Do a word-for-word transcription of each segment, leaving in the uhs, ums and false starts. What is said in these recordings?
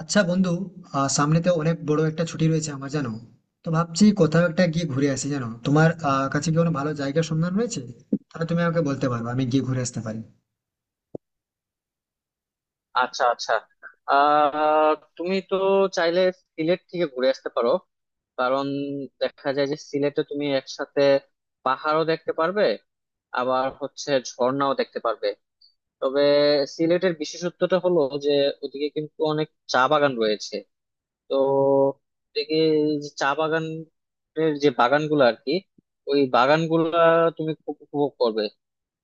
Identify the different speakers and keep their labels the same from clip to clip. Speaker 1: আচ্ছা বন্ধু, আহ সামনে তো অনেক বড় একটা ছুটি রয়েছে আমার, জানো। তো ভাবছি কোথাও একটা গিয়ে ঘুরে আসি, জানো, তোমার আহ কাছে কি কোনো ভালো জায়গার সন্ধান রয়েছে? তাহলে তুমি আমাকে বলতে পারো, আমি গিয়ে ঘুরে আসতে পারি।
Speaker 2: আচ্ছা, আচ্ছা। আহ তুমি তো চাইলে সিলেট থেকে ঘুরে আসতে পারো। কারণ দেখা যায় যে সিলেটে তুমি একসাথে পাহাড়ও দেখতে পারবে, আবার হচ্ছে ঝর্ণাও দেখতে পারবে। তবে সিলেটের বিশেষত্বটা হলো যে ওদিকে কিন্তু অনেক চা বাগান রয়েছে। তো ওদিকে যে চা বাগানের যে বাগানগুলো আর কি, ওই বাগানগুলা তুমি খুব উপভোগ করবে।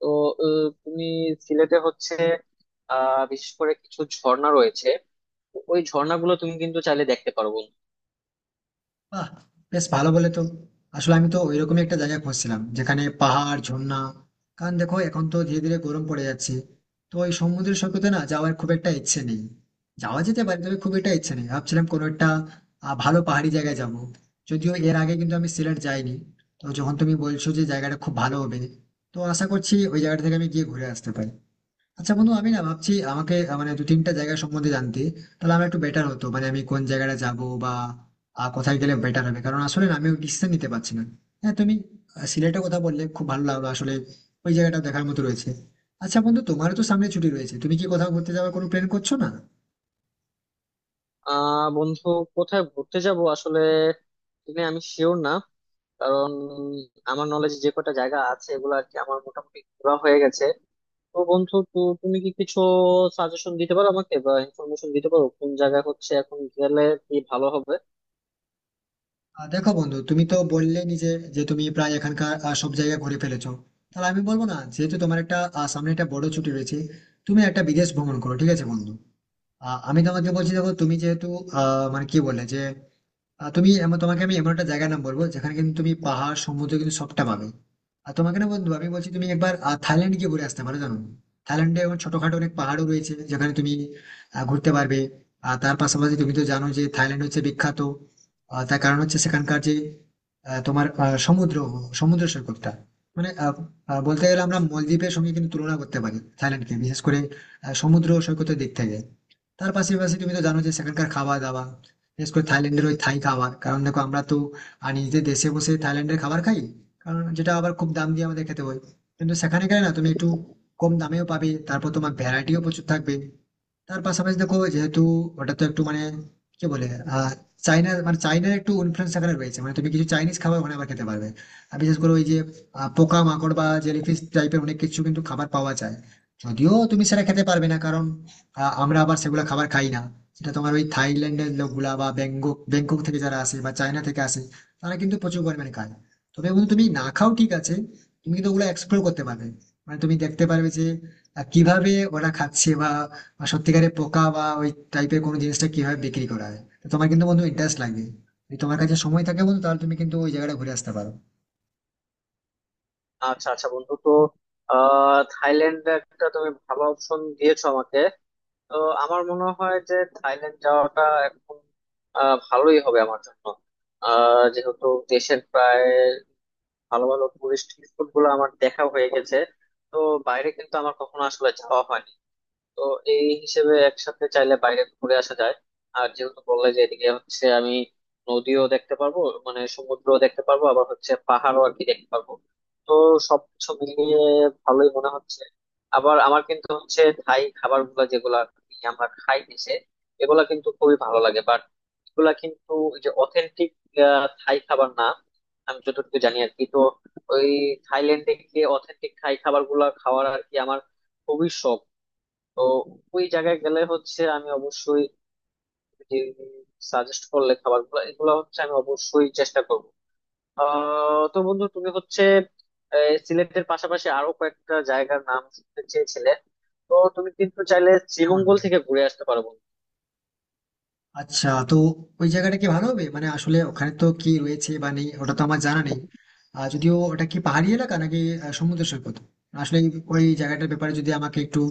Speaker 2: তো আহ, তুমি সিলেটে হচ্ছে আহ বিশেষ করে কিছু ঝর্ণা রয়েছে, ওই ঝর্ণাগুলো তুমি কিন্তু চাইলে দেখতে পারো বন্ধু।
Speaker 1: বাহ! বেশ ভালো বলে তো। আসলে আমি তো ওইরকমই একটা জায়গা খুঁজছিলাম যেখানে পাহাড়, ঝর্ণা। কারণ দেখো, এখন তো ধীরে ধীরে গরম পড়ে যাচ্ছে। তো ওই সমুদ্র সৈকতে না, যাওয়ার খুব একটা ইচ্ছে নেই। যাওয়া যেতে পারে, তবে খুব একটা ইচ্ছে নেই। ভাবছিলাম কোনো একটা আহ, ভালো পাহাড়ি জায়গায় যাব। যদিও এর আগে কিন্তু আমি সিলেট যাইনি। তো যখন তুমি বলছো যে জায়গাটা খুব ভালো হবে, তো আশা করছি ওই জায়গাটা থেকে আমি গিয়ে ঘুরে আসতে পারি। আচ্ছা বন্ধু, আমি না ভাবছি আমাকে আহ, মানে দু তিনটা জায়গা সম্বন্ধে জানতে, তাহলে আমার একটু বেটার হতো। মানে আমি কোন জায়গাটা যাব বা আহ, কোথায় গেলে বেটার হবে, কারণ আসলে না, আমি ডিসিশন নিতে পারছি না। হ্যাঁ, তুমি আহ, সিলেটের কথা বললে খুব ভালো লাগলো আসলে। ওই জায়গাটা দেখার মতো রয়েছে। আচ্ছা বন্ধু, তোমারও তো সামনে ছুটি রয়েছে, তুমি কি কোথাও ঘুরতে যাওয়ার কোনো প্ল্যান করছো না?
Speaker 2: আহ বন্ধু, কোথায় ঘুরতে যাব আসলে, তুমি আমি শিওর না। কারণ আমার নলেজ যে কটা জায়গা আছে এগুলো আর কি আমার মোটামুটি ঘোরা হয়ে গেছে। তো বন্ধু, তো তুমি কি কিছু সাজেশন দিতে পারো আমাকে বা ইনফরমেশন দিতে পারো কোন জায়গা হচ্ছে এখন গেলে কি ভালো হবে?
Speaker 1: আহ, দেখো বন্ধু, তুমি তো বললে নিজে যে তুমি প্রায় এখানকার আহ, সব জায়গা ঘুরে ফেলেছো। তাহলে আমি বলবো না, যেহেতু তোমার একটা আহ, সামনে একটা বড় ছুটি রয়েছে, তুমি একটা বিদেশ ভ্রমণ করো, ঠিক আছে বন্ধু? আহ, আমি তোমাকে বলছি, দেখো তুমি যেহেতু আহ, মানে কি বললে যে আহ, তুমি এমন- তোমাকে আমি এমন একটা জায়গার নাম বলবো যেখানে কিন্তু তুমি পাহাড়, সমুদ্র কিন্তু সবটা পাবে। আর তোমাকে না বন্ধু, আমি বলছি তুমি একবার আহ, থাইল্যান্ড গিয়ে ঘুরে আসতে পারো, জানো। থাইল্যান্ডে এখন ছোটখাটো অনেক পাহাড়ও রয়েছে, যেখানে তুমি আহ, ঘুরতে পারবে। আর তার পাশাপাশি তুমি তো জানো যে থাইল্যান্ড হচ্ছে বিখ্যাত। আহ, তার কারণ হচ্ছে সেখানকার যে আহ, তোমার আহ, সমুদ্র সমুদ্র সৈকতটা, মানে আহ, আহ, বলতে গেলে আমরা মলদ্বীপের সঙ্গে কিন্তু তুলনা করতে পারি থাইল্যান্ডকে, বিশেষ করে আহ, সমুদ্র সৈকতের দিক থেকে। তার পাশাপাশি তুমি তো জানো যে সেখানকার খাওয়া দাওয়া, বিশেষ করে থাইল্যান্ডের ওই থাই খাবার। কারণ দেখো আমরা তো আহ, নিজেদের দেশে বসে থাইল্যান্ডের খাবার খাই, কারণ যেটা আবার খুব দাম দিয়ে আমাদের খেতে হয়। কিন্তু সেখানে গেলে না, তুমি একটু কম দামেও পাবে, তারপর তোমার ভ্যারাইটিও প্রচুর থাকবে। তার পাশাপাশি দেখো, যেহেতু ওটা তো একটু মানে কি বলে, আহ চাইনার মানে চাইনার একটু ইনফ্লুয়েন্স সেখানে রয়েছে, মানে তুমি কিছু চাইনিজ খাবার ওখানে আবার খেতে পারবে। আর বিশেষ করে ওই যে আহ, পোকা মাকড় বা জেলিফিশ টাইপের অনেক কিছু কিন্তু খাবার পাওয়া যায়। যদিও তুমি সেটা খেতে পারবে না, কারণ আহ, আমরা আবার সেগুলো খাবার খাই না। সেটা তোমার ওই থাইল্যান্ডের লোকগুলা, বা ব্যাংকক ব্যাংকক থেকে যারা আসে বা চায়না থেকে আসে, তারা কিন্তু প্রচুর পরিমাণে খায়। তবে বন্ধু তুমি না খাও, ঠিক আছে। তুমি কিন্তু ওগুলো এক্সপ্লোর করতে পারবে। মানে তুমি দেখতে পারবে যে আহ, কিভাবে ওরা খাচ্ছে, বা বা সত্যিকারের পোকা বা ওই টাইপের কোনো জিনিসটা কিভাবে বিক্রি করা হয়। তো তোমার কিন্তু বন্ধু ইন্টারেস্ট লাগবে। যদি তোমার কাছে সময় থাকে বন্ধু, তাহলে তুমি কিন্তু ওই জায়গাটা ঘুরে আসতে পারো।
Speaker 2: আচ্ছা, আচ্ছা বন্ধু, তো আহ থাইল্যান্ড একটা তুমি ভালো অপশন দিয়েছো আমাকে। তো আমার মনে হয় যে থাইল্যান্ড যাওয়াটা এখন আহ, ভালোই হবে আমার জন্য। আহ, যেহেতু দেশের প্রায় ভালো ভালো টুরিস্ট স্পট গুলো আমার দেখা হয়ে গেছে, তো বাইরে কিন্তু আমার কখনো আসলে যাওয়া হয়নি। তো এই হিসেবে একসাথে চাইলে বাইরে ঘুরে আসা যায়। আর যেহেতু বললে যে এদিকে হচ্ছে আমি নদীও দেখতে পারবো, মানে সমুদ্রও দেখতে পারবো, আবার হচ্ছে পাহাড়ও আর কি দেখতে পারবো। তো সবকিছু মিলিয়ে ভালোই মনে হচ্ছে। আবার আমার কিন্তু হচ্ছে থাই খাবার গুলা যেগুলা আমরা খাই দেশে, এগুলা কিন্তু খুবই ভালো লাগে। বাট এগুলা কিন্তু ওই যে অথেন্টিক থাই খাবার না, আমি যতটুকু জানি আর কি। তো ওই থাইল্যান্ডে গিয়ে অথেন্টিক থাই খাবার গুলা খাওয়ার আর কি আমার খুবই শখ। তো ওই জায়গায় গেলে হচ্ছে আমি অবশ্যই যে সাজেস্ট করলে খাবার গুলো এগুলো হচ্ছে আমি অবশ্যই চেষ্টা করবো। আহ তো বন্ধু, তুমি হচ্ছে এই সিলেটের পাশাপাশি আরো কয়েকটা জায়গার নাম শুনতে চেয়েছিলে। তো তুমি কিন্তু চাইলে
Speaker 1: হ্যাঁ বন্ধু।
Speaker 2: শ্রীমঙ্গল থেকে ঘুরে আসতে পারো বন্ধু।
Speaker 1: আচ্ছা, তো ওই জায়গাটা কি ভালো হবে? মানে আসলে ওখানে তো কি রয়েছে বা নেই ওটা তো আমার জানা নেই। আর যদিও ওটা কি পাহাড়ি এলাকা নাকি আহ, সমুদ্র সৈকত, আসলে ওই জায়গাটার ব্যাপারে যদি আমাকে একটু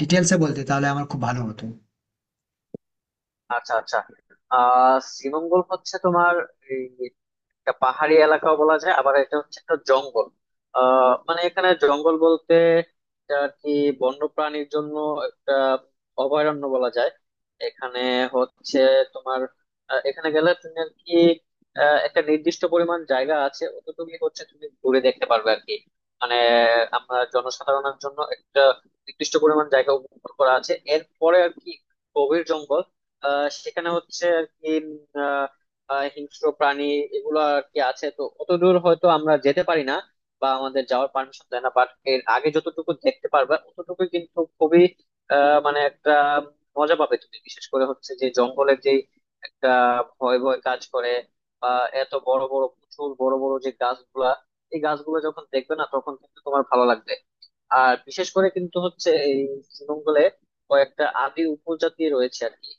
Speaker 1: ডিটেলসে বলতে তাহলে আমার খুব ভালো হতো।
Speaker 2: আচ্ছা, আচ্ছা। আহ শ্রীমঙ্গল হচ্ছে তোমার একটা পাহাড়ি এলাকাও বলা যায়, আবার এটা হচ্ছে একটা জঙ্গল। আহ মানে এখানে জঙ্গল বলতে, এটা আর কি বন্য প্রাণীর জন্য একটা অভয়ারণ্য বলা যায়। এখানে হচ্ছে তোমার আহ, এখানে গেলে তুমি আর কি আহ, একটা নির্দিষ্ট পরিমাণ জায়গা আছে, অতটুকুই হচ্ছে তুমি ঘুরে দেখতে পারবে আর কি। মানে আমরা জনসাধারণের জন্য একটা নির্দিষ্ট পরিমাণ জায়গা উপভোগ করা আছে, এরপরে আর কি গভীর জঙ্গল। আহ সেখানে হচ্ছে আর কি আহ হিংস্র প্রাণী এগুলো আর কি আছে, তো অতদূর হয়তো আমরা যেতে পারি না বা আমাদের যাওয়ার পারমিশন দেয় না। বাট এর আগে যতটুকু দেখতে পারবে ততটুকু কিন্তু খুবই আহ মানে একটা মজা পাবে তুমি। বিশেষ করে হচ্ছে যে জঙ্গলের যে একটা ভয় ভয় কাজ করে, বা এত বড় বড় প্রচুর বড় বড় যে গাছগুলা, এই গাছগুলো যখন দেখবে না তখন কিন্তু তোমার ভালো লাগবে। আর বিশেষ করে কিন্তু হচ্ছে এই শ্রীমঙ্গলে কয়েকটা আদি উপজাতি রয়েছে আর কি।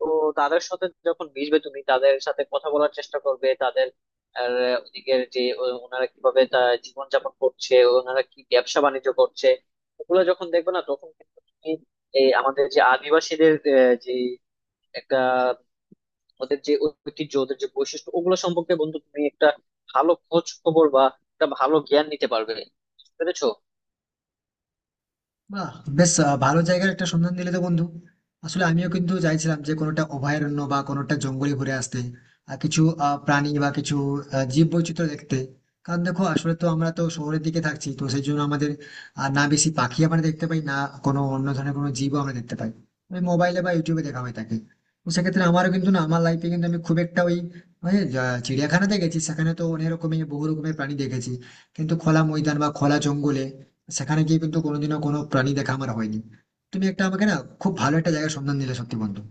Speaker 2: তো তাদের সাথে যখন মিশবে, তুমি তাদের সাথে কথা বলার চেষ্টা করবে, তাদের আর ওদিকের যে ও- ওনারা কিভাবে তা জীবনযাপন করছে, ওনারা কি ব্যবসা বাণিজ্য করছে, ওগুলো যখন দেখবে না তখন কিন্তু তুমি এই আমাদের যে আদিবাসীদের আহ, যে একটা ওদের যে ঐতিহ্য, ওদের যে বৈশিষ্ট্য, ওগুলো সম্পর্কে বন্ধু তুমি একটা ভালো খোঁজ খবর বা একটা ভালো জ্ঞান নিতে পারবে। বুঝতে পেরেছো?
Speaker 1: বাহ! বেশ আ ভালো জায়গার একটা সন্ধান দিলে তো বন্ধু। আসলে আমিও কিন্তু চাইছিলাম যে কোনোটা অভয়ারণ্য বা কোনোটা জঙ্গলে ঘুরে আসতে। আর কিছু আ প্রাণী বা কিছু আ জীববৈচিত্র্য দেখতে। কারণ দেখো, আসলে তো আমরা তো শহরের দিকে থাকছি। তো সেই জন্য আমাদের আ না বেশি পাখি আমরা দেখতে পাই, না কোনো অন্য ধরনের কোনো জীবও আমরা দেখতে পাই। ওই মোবাইলে বা ইউটিউবে দেখা হয়ে থাকে। তো সেক্ষেত্রে আমারও কিন্তু না, আমার লাইফে কিন্তু আমি খুব একটা ওই ওই যা চিড়িয়াখানাতে গেছি সেখানে তো অনেক রকমের বহু রকমের প্রাণী দেখেছি। কিন্তু খোলা ময়দান বা খোলা জঙ্গলে, সেখানে গিয়ে কিন্তু কোনোদিনও কোনো প্রাণী দেখা আমার হয়নি। তুমি একটা আমাকে না, খুব ভালো একটা জায়গার সন্ধান দিলে সত্যি বন্ধু।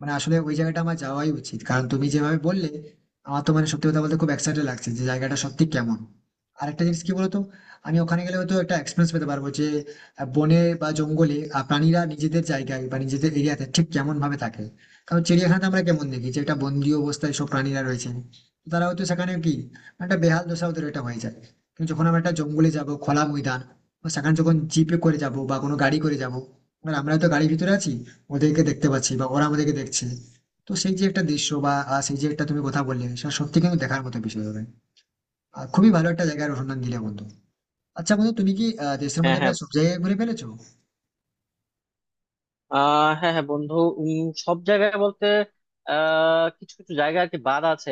Speaker 1: মানে আসলে ওই জায়গাটা আমার যাওয়াই উচিত, কারণ তুমি যেভাবে বললে, আমার তো মানে সত্যি কথা বলতে খুব এক্সাইটেড লাগছে যে জায়গাটা সত্যি কেমন। আরেকটা জিনিস কি বলতো, আমি ওখানে গেলে হয়তো একটা এক্সপিরিয়েন্স পেতে পারবো যে আহ, বনে বা জঙ্গলে আহ, প্রাণীরা নিজেদের জায়গায় বা নিজেদের এরিয়াতে ঠিক কেমন ভাবে থাকে। কারণ চিড়িয়াখানাতে আমরা কেমন দেখি যে একটা বন্দি অবস্থায় সব প্রাণীরা রয়েছে। তো তারা হয়তো সেখানে কি, একটা বেহাল দশা ওদের এটা হয়ে যায়। কিন্তু যখন আমরা একটা জঙ্গলে যাব, খোলা ময়দান, বা সেখানে যখন জিপে করে যাব বা কোনো গাড়ি করে যাব, আমরা তো গাড়ির ভিতরে আছি, ওদেরকে দেখতে পাচ্ছি বা ওরা আমাদেরকে দেখছে। তো সেই যে একটা দৃশ্য, বা আহ, সেই যে একটা তুমি কথা বললে, সেটা সত্যি কিন্তু দেখার মতো বিষয় হবে। আর খুবই ভালো একটা জায়গার অনুসন্ধান দিলে বন্ধু। আচ্ছা বন্ধু, তুমি কি আহ, দেশের মধ্যে প্রায় সব জায়গায় ঘুরে ফেলেছো?
Speaker 2: আহ হ্যাঁ, হ্যাঁ বন্ধু। উম, সব জায়গায় বলতে আহ কিছু কিছু জায়গা আর কি বাদ আছে।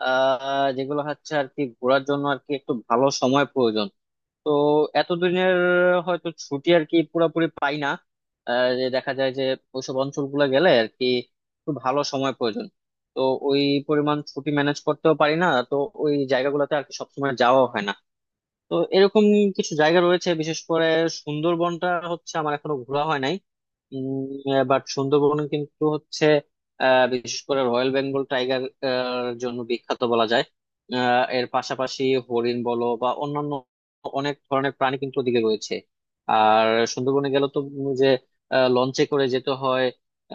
Speaker 2: আহ যেগুলো হচ্ছে আর কি ঘোরার জন্য আর কি একটু ভালো সময় প্রয়োজন। তো এতদিনের হয়তো ছুটি আর কি পুরোপুরি পাই না। আহ, যে দেখা যায় যে ওইসব অঞ্চলগুলো গেলে আর কি একটু ভালো সময় প্রয়োজন। তো ওই পরিমাণ ছুটি ম্যানেজ করতেও পারি না, তো ওই জায়গাগুলোতে আর কি সবসময় যাওয়া হয় না। তো এরকম কিছু জায়গা রয়েছে, বিশেষ করে সুন্দরবনটা হচ্ছে আমার এখনো ঘোরা হয় নাই। বাট সুন্দরবন কিন্তু হচ্ছে আহ, বিশেষ করে রয়্যাল বেঙ্গল টাইগার জন্য বিখ্যাত বলা যায়। আহ, এর পাশাপাশি হরিণ বলো বা অন্যান্য অনেক ধরনের প্রাণী কিন্তু ওদিকে রয়েছে। আর সুন্দরবনে গেলে তো উম যে আহ, লঞ্চে করে যেতে হয়,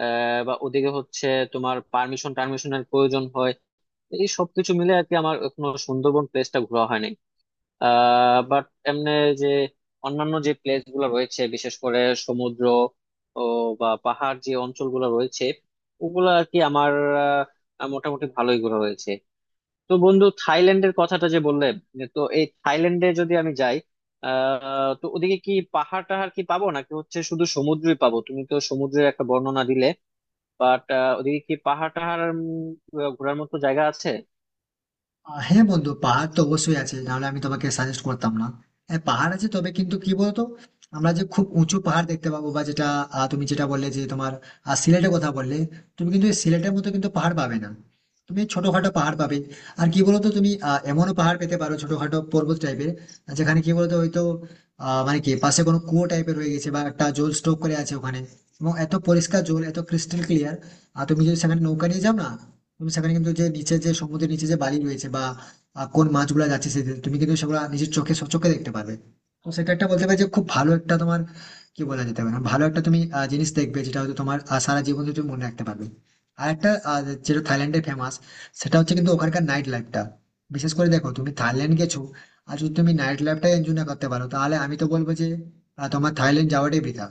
Speaker 2: আহ, বা ওদিকে হচ্ছে তোমার পারমিশন টারমিশনের প্রয়োজন হয়। এই সবকিছু মিলে আর কি আমার এখনো সুন্দরবন প্লেসটা ঘোরা হয়নি। আহ বাট এমনি যে অন্যান্য যে প্লেস গুলো রয়েছে বিশেষ করে সমুদ্র ও বা পাহাড় যে অঞ্চলগুলো রয়েছে, ওগুলো আর কি আমার আহ, মোটামুটি ভালোই ঘোরা হয়েছে। তো বন্ধু, থাইল্যান্ডের কথাটা যে বললে, তো এই থাইল্যান্ডে যদি আমি যাই আহ তো ওদিকে কি পাহাড় টাহাড় কি পাবো, নাকি হচ্ছে শুধু সমুদ্রই পাবো? তুমি তো সমুদ্রের একটা বর্ণনা দিলে, বাট ওদিকে কি পাহাড় টাহাড় উম, ঘোরার মতো জায়গা আছে?
Speaker 1: আহ, হ্যাঁ বন্ধু, পাহাড় তো অবশ্যই আছে, নাহলে আমি তোমাকে সাজেস্ট করতাম না। হ্যাঁ পাহাড় আছে, তবে কিন্তু কি বলতো, আমরা যে খুব উঁচু পাহাড় দেখতে পাবো, বা যেটা আহ, তুমি যেটা বললে যে তোমার আহ, সিলেটের কথা বললে, তুমি কিন্তু এই সিলেটের মতো কিন্তু পাহাড় পাবে না। তুমি এই ছোটখাটো পাহাড় পাবে। আর কি বলতো, তুমি আহ, এমনও পাহাড় পেতে পারো ছোটখাটো পর্বত টাইপের, যেখানে কি বলতো হয়তো আহ মানে কি পাশে কোনো কুয়ো টাইপের হয়ে গেছে, বা একটা জল স্টক করে আছে ওখানে। এবং এত পরিষ্কার জল, এত ক্রিস্টাল ক্লিয়ার। আর তুমি যদি সেখানে নৌকা নিয়ে যাও না, তুমি সেখানে কিন্তু যে নিচে যে সমুদ্রের নিচে যে বালি রয়েছে, বা আহ, কোন মাছগুলো যাচ্ছে সেদিকে, তুমি কিন্তু সেগুলো নিজের চোখে সচক্ষে দেখতে পাবে। তো সেটা একটা বলতে পারি যে খুব ভালো একটা তোমার, কি বলা যেতে পারে, ভালো একটা তুমি আহ, জিনিস দেখবে যেটা হয়তো তোমার আহ, সারা জীবন ধরে তুমি মনে রাখতে পারবে। আর একটা আহ, যেটা থাইল্যান্ডে ফেমাস, সেটা হচ্ছে কিন্তু ওখানকার নাইট লাইফটা। বিশেষ করে দেখো, তুমি থাইল্যান্ড গেছো, আর যদি তুমি নাইট লাইফটা এনজয় না করতে পারো, তাহলে আমি তো বলবো যে আহ, তোমার থাইল্যান্ড যাওয়াটাই বৃথা।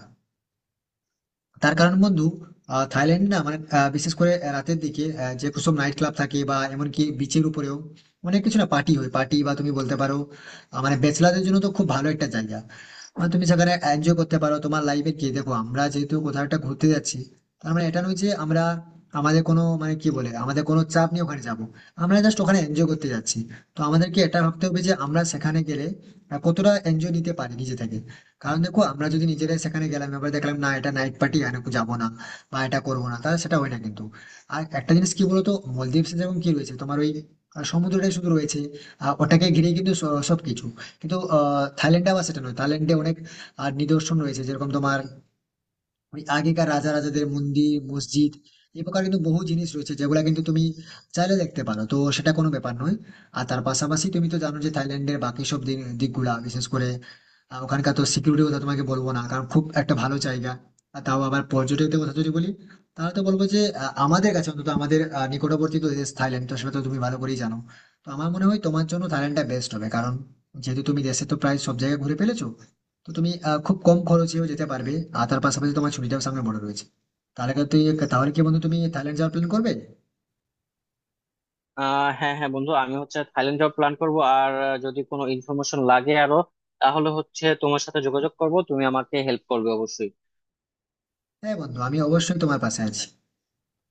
Speaker 1: তার কারণ বন্ধু, আহ, থাইল্যান্ডে না মানে আহ, বিশেষ করে রাতের দিকে, আহ, যে সব নাইট ক্লাব থাকে বা এমনকি বিচের উপরেও, অনেক কিছু না পার্টি হয়, পার্টি বা তুমি বলতে পারো আহ, মানে ব্যাচেলারদের জন্য তো খুব ভালো একটা জায়গা। মানে তুমি সেখানে এনজয় করতে পারো তোমার লাইফে। কি দেখো, আমরা যেহেতু কোথাও একটা ঘুরতে যাচ্ছি, তার মানে এটা নয় যে আমরা আমাদের কোনো, মানে কি বলে, আমাদের কোনো চাপ নিয়ে ওখানে যাব। আমরা জাস্ট ওখানে এনজয় করতে যাচ্ছি। তো আমাদেরকে এটা ভাবতে হবে যে আমরা সেখানে গেলে আহ, কতটা এনজয় নিতে পারি নিজে থেকে। কারণ দেখো, আমরা যদি নিজেরাই সেখানে গেলাম, এবার দেখলাম না এটা নাইট পার্টি, এখানে যাবো না বা এটা করবো না, তাহলে সেটা হয় না কিন্তু। আর একটা জিনিস কি বলতো, মলদ্বীপে যেমন কি রয়েছে, তোমার ওই আহ, সমুদ্রটাই শুধু রয়েছে, আহ, ওটাকে ঘিরে কিন্তু স- সবকিছু। কিন্তু আহ থাইল্যান্ডে আবার সেটা নয়, থাইল্যান্ডে অনেক আর নিদর্শন রয়েছে, যেরকম তোমার ওই আগেকার রাজা রাজাদের মন্দির, মসজিদ। এই প্রকার কিন্তু বহু জিনিস রয়েছে যেগুলা কিন্তু তুমি চাইলে দেখতে পারো, তো সেটা কোনো ব্যাপার নয়। আর তার পাশাপাশি তুমি তো জানো যে থাইল্যান্ডের বাকি সব দিক- দিকগুলা, বিশেষ করে আহ, ওখানকার তো সিকিউরিটির কথা তোমাকে বলবো না, কারণ খুব একটা ভালো জায়গা। আর তাও আবার পর্যটকদের কথা যদি বলি, তাহলে তো বলবো যে আহ, আমাদের কাছে অন্তত, আমাদের আহ, নিকটবর্তী তো দেশ থাইল্যান্ড, তো সেটা তো তুমি ভালো করেই জানো। তো আমার মনে হয় তোমার জন্য থাইল্যান্ডটা বেস্ট হবে, কারণ যেহেতু তুমি দেশে তো প্রায় সব জায়গায় ঘুরে ফেলেছো, তো তুমি আহ, খুব কম খরচেও যেতে পারবে। আর তার পাশাপাশি তোমার ছুটিটাও সামনে বড় রয়েছে। তাহলে কি তুই তাহলে কি বন্ধু, তুমি থাইল্যান্ড যাওয়ার প্ল্যান করবে?
Speaker 2: আহ হ্যাঁ, হ্যাঁ বন্ধু, আমি হচ্ছে থাইল্যান্ড যাওয়ার প্ল্যান করব। আর আহ, যদি কোনো ইনফরমেশন লাগে আরো, তাহলে হচ্ছে তোমার সাথে যোগাযোগ করব, তুমি আমাকে হেল্প করবে অবশ্যই।
Speaker 1: হ্যাঁ বন্ধু, আমি অবশ্যই তোমার পাশে আছি।